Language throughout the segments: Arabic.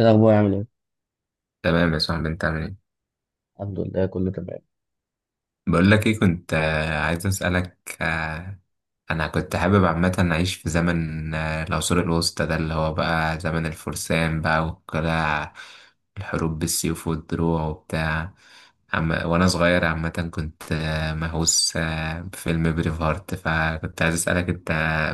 إيه الأخبار عامل إيه؟ تمام يا صاحبي، انت عامل ايه؟ الحمد لله كله تمام. بقول لك ايه، كنت عايز اسالك. انا كنت حابب عامه اعيش في زمن العصور الوسطى، ده اللي هو بقى زمن الفرسان بقى والقلاع، الحروب بالسيوف والدروع وبتاع. وانا صغير عامه كنت مهووس بفيلم بريف هارت، فكنت عايز اسالك انت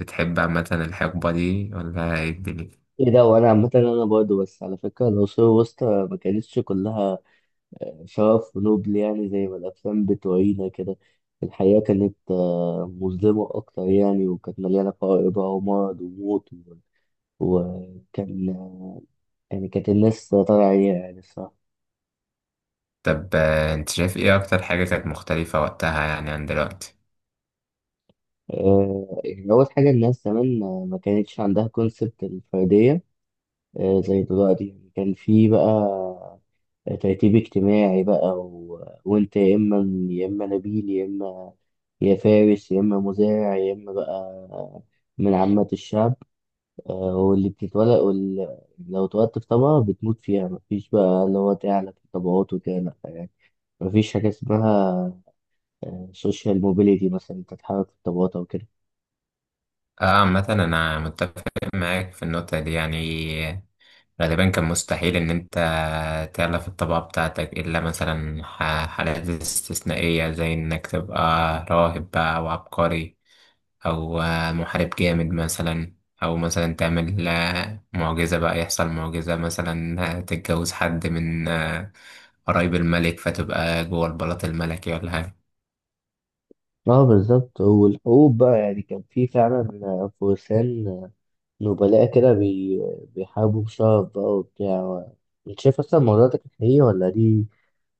بتحب عامه الحقبه دي ولا ايه الدنيا؟ إيه ده وأنا عامة أنا برضه، بس على فكرة العصور الوسطى ما كانتش كلها شرف ونبل، يعني زي ما الأفلام بتورينا كده. الحياة كانت مظلمة أكتر يعني، وكانت مليانة فقر بقى ومرض وموت وكان آه، يعني كانت الناس طالعة عليها يعني الصراحة. طب، انت شايف ايه اكتر حاجه كانت مختلفه وقتها يعني عن دلوقتي؟ يعني أول حاجة الناس زمان ما كانتش عندها كونسبت الفردية زي دلوقتي، يعني كان في بقى ترتيب اجتماعي بقى وانت يا اما، يا اما نبيل، يا اما يا فارس، يا اما مزارع، يا اما بقى من عامة الشعب. واللي بتتولد لو اتولدت في طبقة بتموت فيها، مفيش بقى اللي هو تعلى في الطبقات وكده، لأ يعني. مفيش حاجة اسمها سوشيال موبيليتي مثلا انت تتحرك في الطبقات او كده. اه، مثلا انا متفق معاك في النقطة دي يعني. غالبا كان مستحيل ان انت تعلى في الطبقة بتاعتك الا مثلا حالات استثنائية، زي انك تبقى راهب بقى او عبقري او محارب جامد مثلا، او مثلا تعمل معجزة، بقى يحصل معجزة مثلا، تتجوز حد من قرايب الملك فتبقى جوه البلاط الملكي ولا حاجة. اه بالظبط، والحقوق بقى يعني كان في فعلا فرسان نبلاء كده بيحاربوا بشرف بقى وبتاع. انت شايف اصلا الموضوع ده كان حقيقي، ولا دي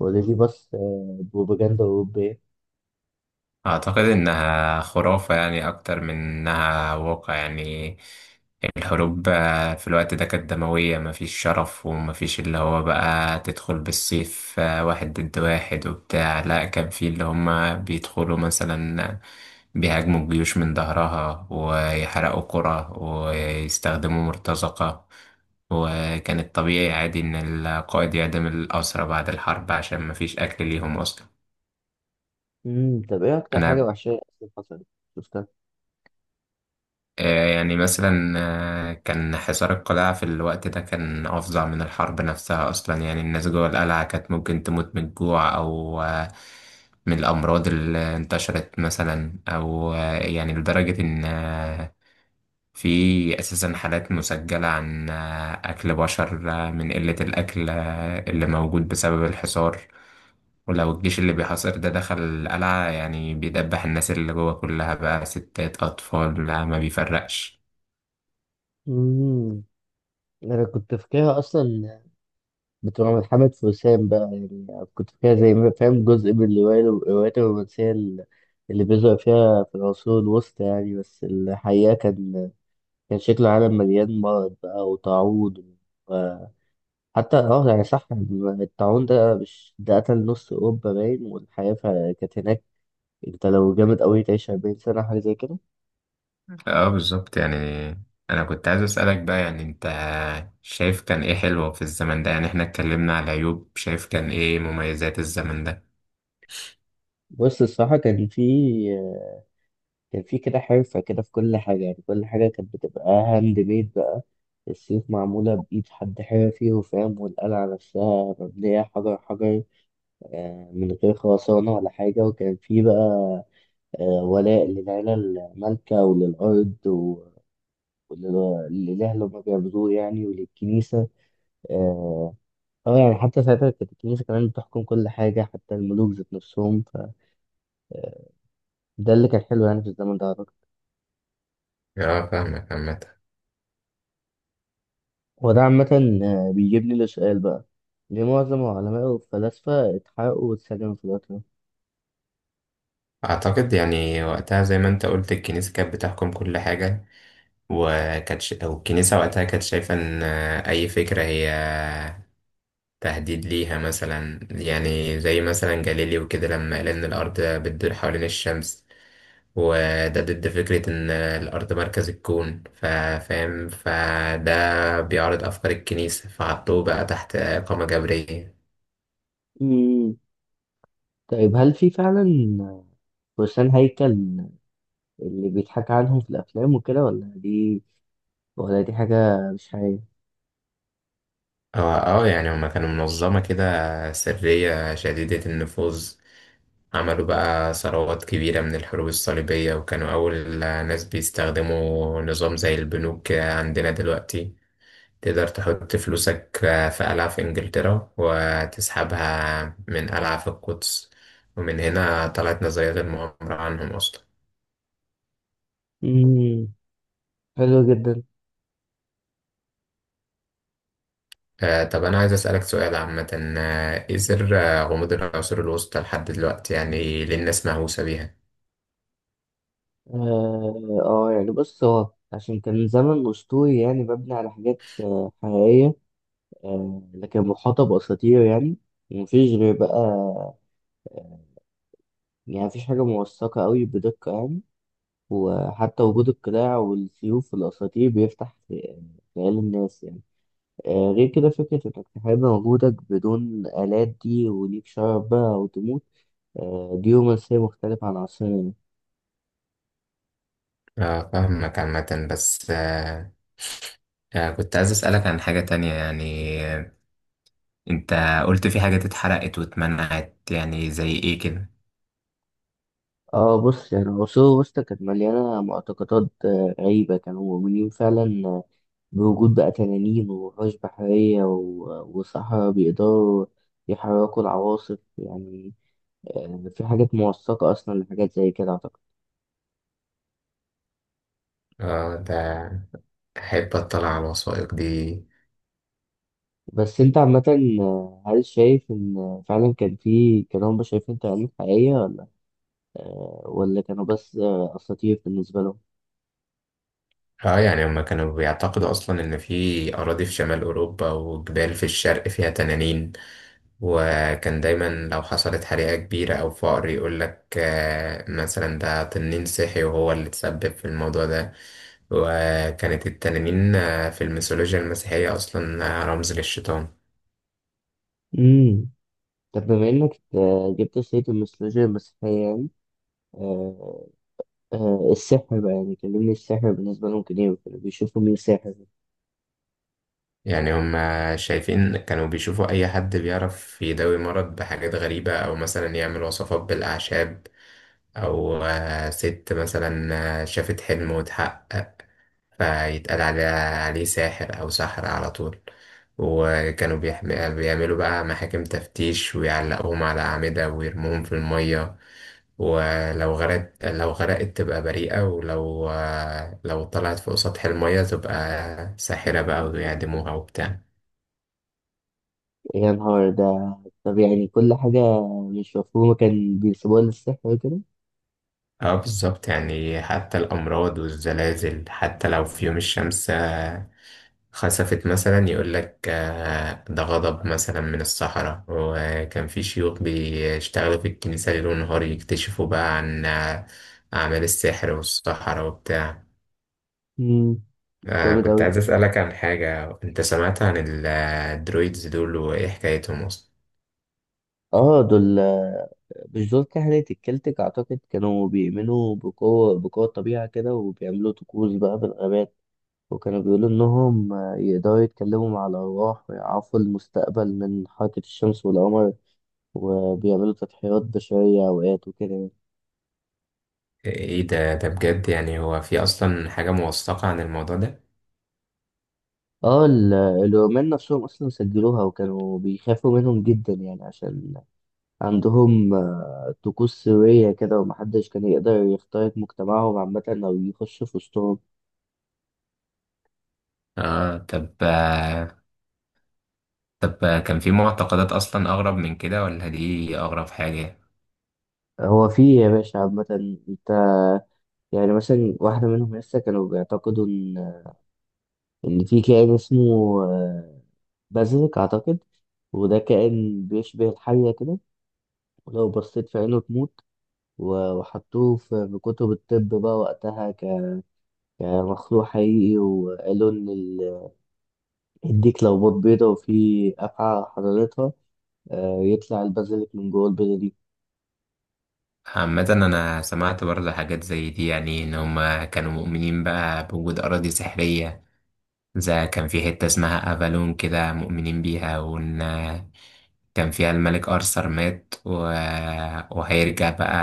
ولا دي بس بروباجندا أوروبية؟ أعتقد إنها خرافة يعني أكتر من إنها واقع. يعني الحروب في الوقت ده كانت دموية، مفيش شرف ومفيش اللي هو بقى تدخل بالسيف واحد ضد واحد وبتاع، لا كان في اللي هما بيدخلوا مثلا بيهاجموا الجيوش من ظهرها ويحرقوا قرى ويستخدموا مرتزقة. وكان الطبيعي عادي إن القائد يعدم الأسرى بعد الحرب عشان مفيش أكل ليهم أصلا. طب ايه أكتر حاجة أنا وحشية أصلا حصلت؟ شفتها؟ يعني مثلا، كان حصار القلاع في الوقت ده كان أفظع من الحرب نفسها أصلا. يعني الناس جوه القلعة كانت ممكن تموت من الجوع أو من الأمراض اللي انتشرت مثلا، أو يعني لدرجة إن في أساسا حالات مسجلة عن أكل بشر، من قلة الأكل اللي موجود بسبب الحصار. ولو الجيش اللي بيحاصر ده دخل القلعة، يعني بيدبح الناس اللي جوه كلها، بقى ستات أطفال، لا ما بيفرقش. امم أنا كنت فاكرها أصلا بتبقى من محمد فرسان بقى يعني. كنت فاكرها زي ما فاهم جزء من الروايات الرومانسية اللي بيظهر فيها في العصور الوسطى يعني. بس الحقيقة كان شكل العالم مليان مرض بقى وتعوض. حتى يعني صح، الطاعون ده مش ده قتل نص اوروبا باين، والحياه كانت هناك. انت لو جامد قوي تعيش 40 سنه حاجه زي كده. اه، بالظبط يعني. انا كنت عايز اسالك بقى، يعني انت شايف كان ايه حلو في الزمن ده؟ يعني احنا اتكلمنا على عيوب، شايف كان ايه مميزات الزمن ده؟ بص الصراحه كان في كده حرفه كده في كل حاجه، يعني كل حاجه كانت بتبقى هاند ميد بقى. السيوف معموله بايد حد حرفي وفاهم، والقلعه نفسها مبنيه حجر حجر من غير خرسانه ولا حاجه. وكان في بقى ولاء للعيله المالكه وللارض للإله اللي هما بيعبدوه يعني، وللكنيسة. اه يعني حتى ساعتها كانت الكنيسة كمان بتحكم كل حاجة، حتى الملوك ذات نفسهم، فده اللي كان حلو يعني في الزمن ده أعتقد. اه، فاهمك عامة. وده عامة بيجيبني لسؤال بقى، ليه معظم العلماء والفلاسفة اتحرقوا واتسجنوا في الوقت ده؟ أعتقد يعني وقتها زي ما أنت قلت، الكنيسة كانت بتحكم كل حاجة. وكانت أو الكنيسة وقتها كانت شايفة إن أي فكرة هي تهديد ليها، مثلا يعني زي مثلا جاليليو كده لما قال إن الأرض بتدور حوالين الشمس، وده ضد فكرة إن الأرض مركز الكون، فاهم، فده بيعارض أفكار الكنيسة، فحطوه بقى تحت إقامة جبرية. مم. طيب هل في فعلا فرسان هيكل اللي بيتحكى عنهم في الأفلام وكده، ولا دي حاجة مش حقيقية؟ اه، اه. يعني هما كانوا منظمة كده سرية شديدة النفوذ، عملوا بقى ثروات كبيرة من الحروب الصليبية. وكانوا أول ناس بيستخدموا نظام زي البنوك كده عندنا دلوقتي، تقدر تحط فلوسك في قلعة في إنجلترا وتسحبها من قلعة في القدس. ومن هنا طلعت نظرية المؤامرة عنهم أصلا. مم. حلو جدا. طب أنا عايز أسألك سؤال عامة. إيه سر غموض العصور الوسطى لحد دلوقتي؟ يعني ليه الناس مهووسة بيها؟ يعني بص، هو عشان كان زمن أسطوري يعني مبني على حاجات حقيقية لكن محاطة بأساطير يعني، ومفيش غير بقى آه، يعني مفيش حاجة موثقة أوي بدقة يعني. وحتى وجود القلاع والسيوف والأساطير بيفتح خيال الناس يعني. غير كده فكرة إنك تحارب وجودك بدون آلات، دي وليك شرف بقى أو تموت، دي رومانسية مختلفة عن عصرنا يعني. فاهمك عامة. بس كنت عايز أسألك عن حاجة تانية يعني. أنت قلت في حاجات اتحرقت واتمنعت، يعني زي إيه كده؟ اه بص، يعني العصور الوسطى كانت مليانة معتقدات غريبة، كانوا مؤمنين فعلا بوجود بقى تنانين ووحوش بحرية وصحراء بيقدروا يحركوا العواصف يعني. في حاجات موثقة أصلا لحاجات زي كده أعتقد. ده أحب أطلع على الوثائق دي. بس أنت عامة، هل شايف إن فعلا كان هم شايفين تنانين حقيقية، ولا ولا كانوا بس أساطير بالنسبة لهم؟ اه، يعني هما كانوا بيعتقدوا اصلا ان في اراضي في شمال اوروبا وجبال في الشرق فيها تنانين. وكان دايما لو حصلت حريقة كبيرة او فقر يقول لك مثلا ده تنين صحي وهو اللي تسبب في الموضوع ده. وكانت التنانين في الميثولوجيا المسيحية اصلا رمز للشيطان. مم. طب بما إنك جبت سيرة الميثولوجيا المسيحية يعني، آه، السحر بقى، يعني كلمني السحر بالنسبة لهم كان إيه، وكانوا بيشوفوا مين ساحر؟ يعني هما شايفين كانوا بيشوفوا اي حد بيعرف يداوي مرض بحاجات غريبة او مثلا يعمل وصفات بالاعشاب، أو ست مثلا شافت حلم واتحقق، فيتقال عليه ساحر أو ساحرة على طول. وكانوا بيعملوا بقى محاكم تفتيش ويعلقوهم على أعمدة ويرموهم في المية. ولو غرقت، لو غرقت تبقى بريئة، ولو آه، لو طلعت فوق سطح المية تبقى ساحرة بقى ويعدموها وبتاع. يا نهار ده. طب يعني كل حاجة مش مفهومة كان بيسيبوها للسحر وكده. اه، بالظبط يعني. حتى الأمراض والزلازل، حتى لو في يوم الشمس خسفت مثلا يقول لك ده غضب مثلا من الصحراء. وكان في شيوخ بيشتغلوا في الكنيسة ليل ونهار يكتشفوا بقى عن أعمال السحر والصحراء وبتاع. مم، جامد كنت أوي. عايز أسألك عن حاجة، أنت سمعت عن الدرويدز دول؟ وإيه حكايتهم أصلا؟ اه دول، مش دول كهنة الكلتك أعتقد، كانوا بيؤمنوا بقوة الطبيعة كده وبيعملوا طقوس بقى بالغابات، وكانوا بيقولوا إنهم يقدروا يتكلموا مع الأرواح ويعرفوا المستقبل من حركة الشمس والقمر، وبيعملوا تضحيات بشرية أوقات وكده يعني. إيه ده؟ ده بجد يعني؟ هو في أصلا حاجة موثقة عن الموضوع ده؟ اه الرومان نفسهم أصلا سجلوها، وكانوا بيخافوا منهم جدا يعني عشان عندهم طقوس سرية كده، ومحدش كان يقدر يخترق مجتمعهم عامة أو يخش في وسطهم. آه طب آه، طب، كان في معتقدات أصلا أغرب من كده ولا دي أغرب حاجة؟ هو في يا باشا عامة، أنت يعني مثلا واحدة منهم لسه كانوا بيعتقدوا إن في كائن اسمه بازلك أعتقد، وده كائن بيشبه الحية كده، ولو بصيت في عينه تموت. وحطوه في كتب الطب بقى وقتها كمخلوق حقيقي، وقالوا إن الديك لو بيضة وفي أفعى حضارتها يطلع البازiliك من جوه البيضة دي. عامة أنا سمعت برضه حاجات زي دي، يعني إن هما كانوا مؤمنين بقى بوجود أراضي سحرية. زي كان في حتة اسمها أفالون كده مؤمنين بيها، وإن كان فيها الملك أرثر مات وهيرجع بقى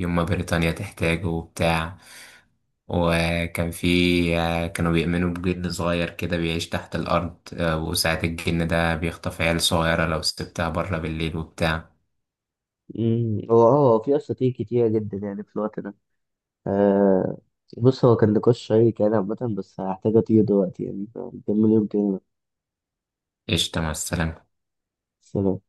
يوم ما بريطانيا تحتاجه وبتاع. وكان في كانوا بيؤمنوا بجن صغير كده بيعيش تحت الأرض، وساعة الجن ده بيخطف عيال صغيرة لو سبتها بره بالليل وبتاع. مم. هو في أساطير كتيرة جدا يعني في الوقت ده. آه بص، هو كان نقاش شيق يعني عامة، بس هحتاج أطير دلوقتي يعني، فنكمل يوم تاني بقى. قشطة، مع السلامة. سلام.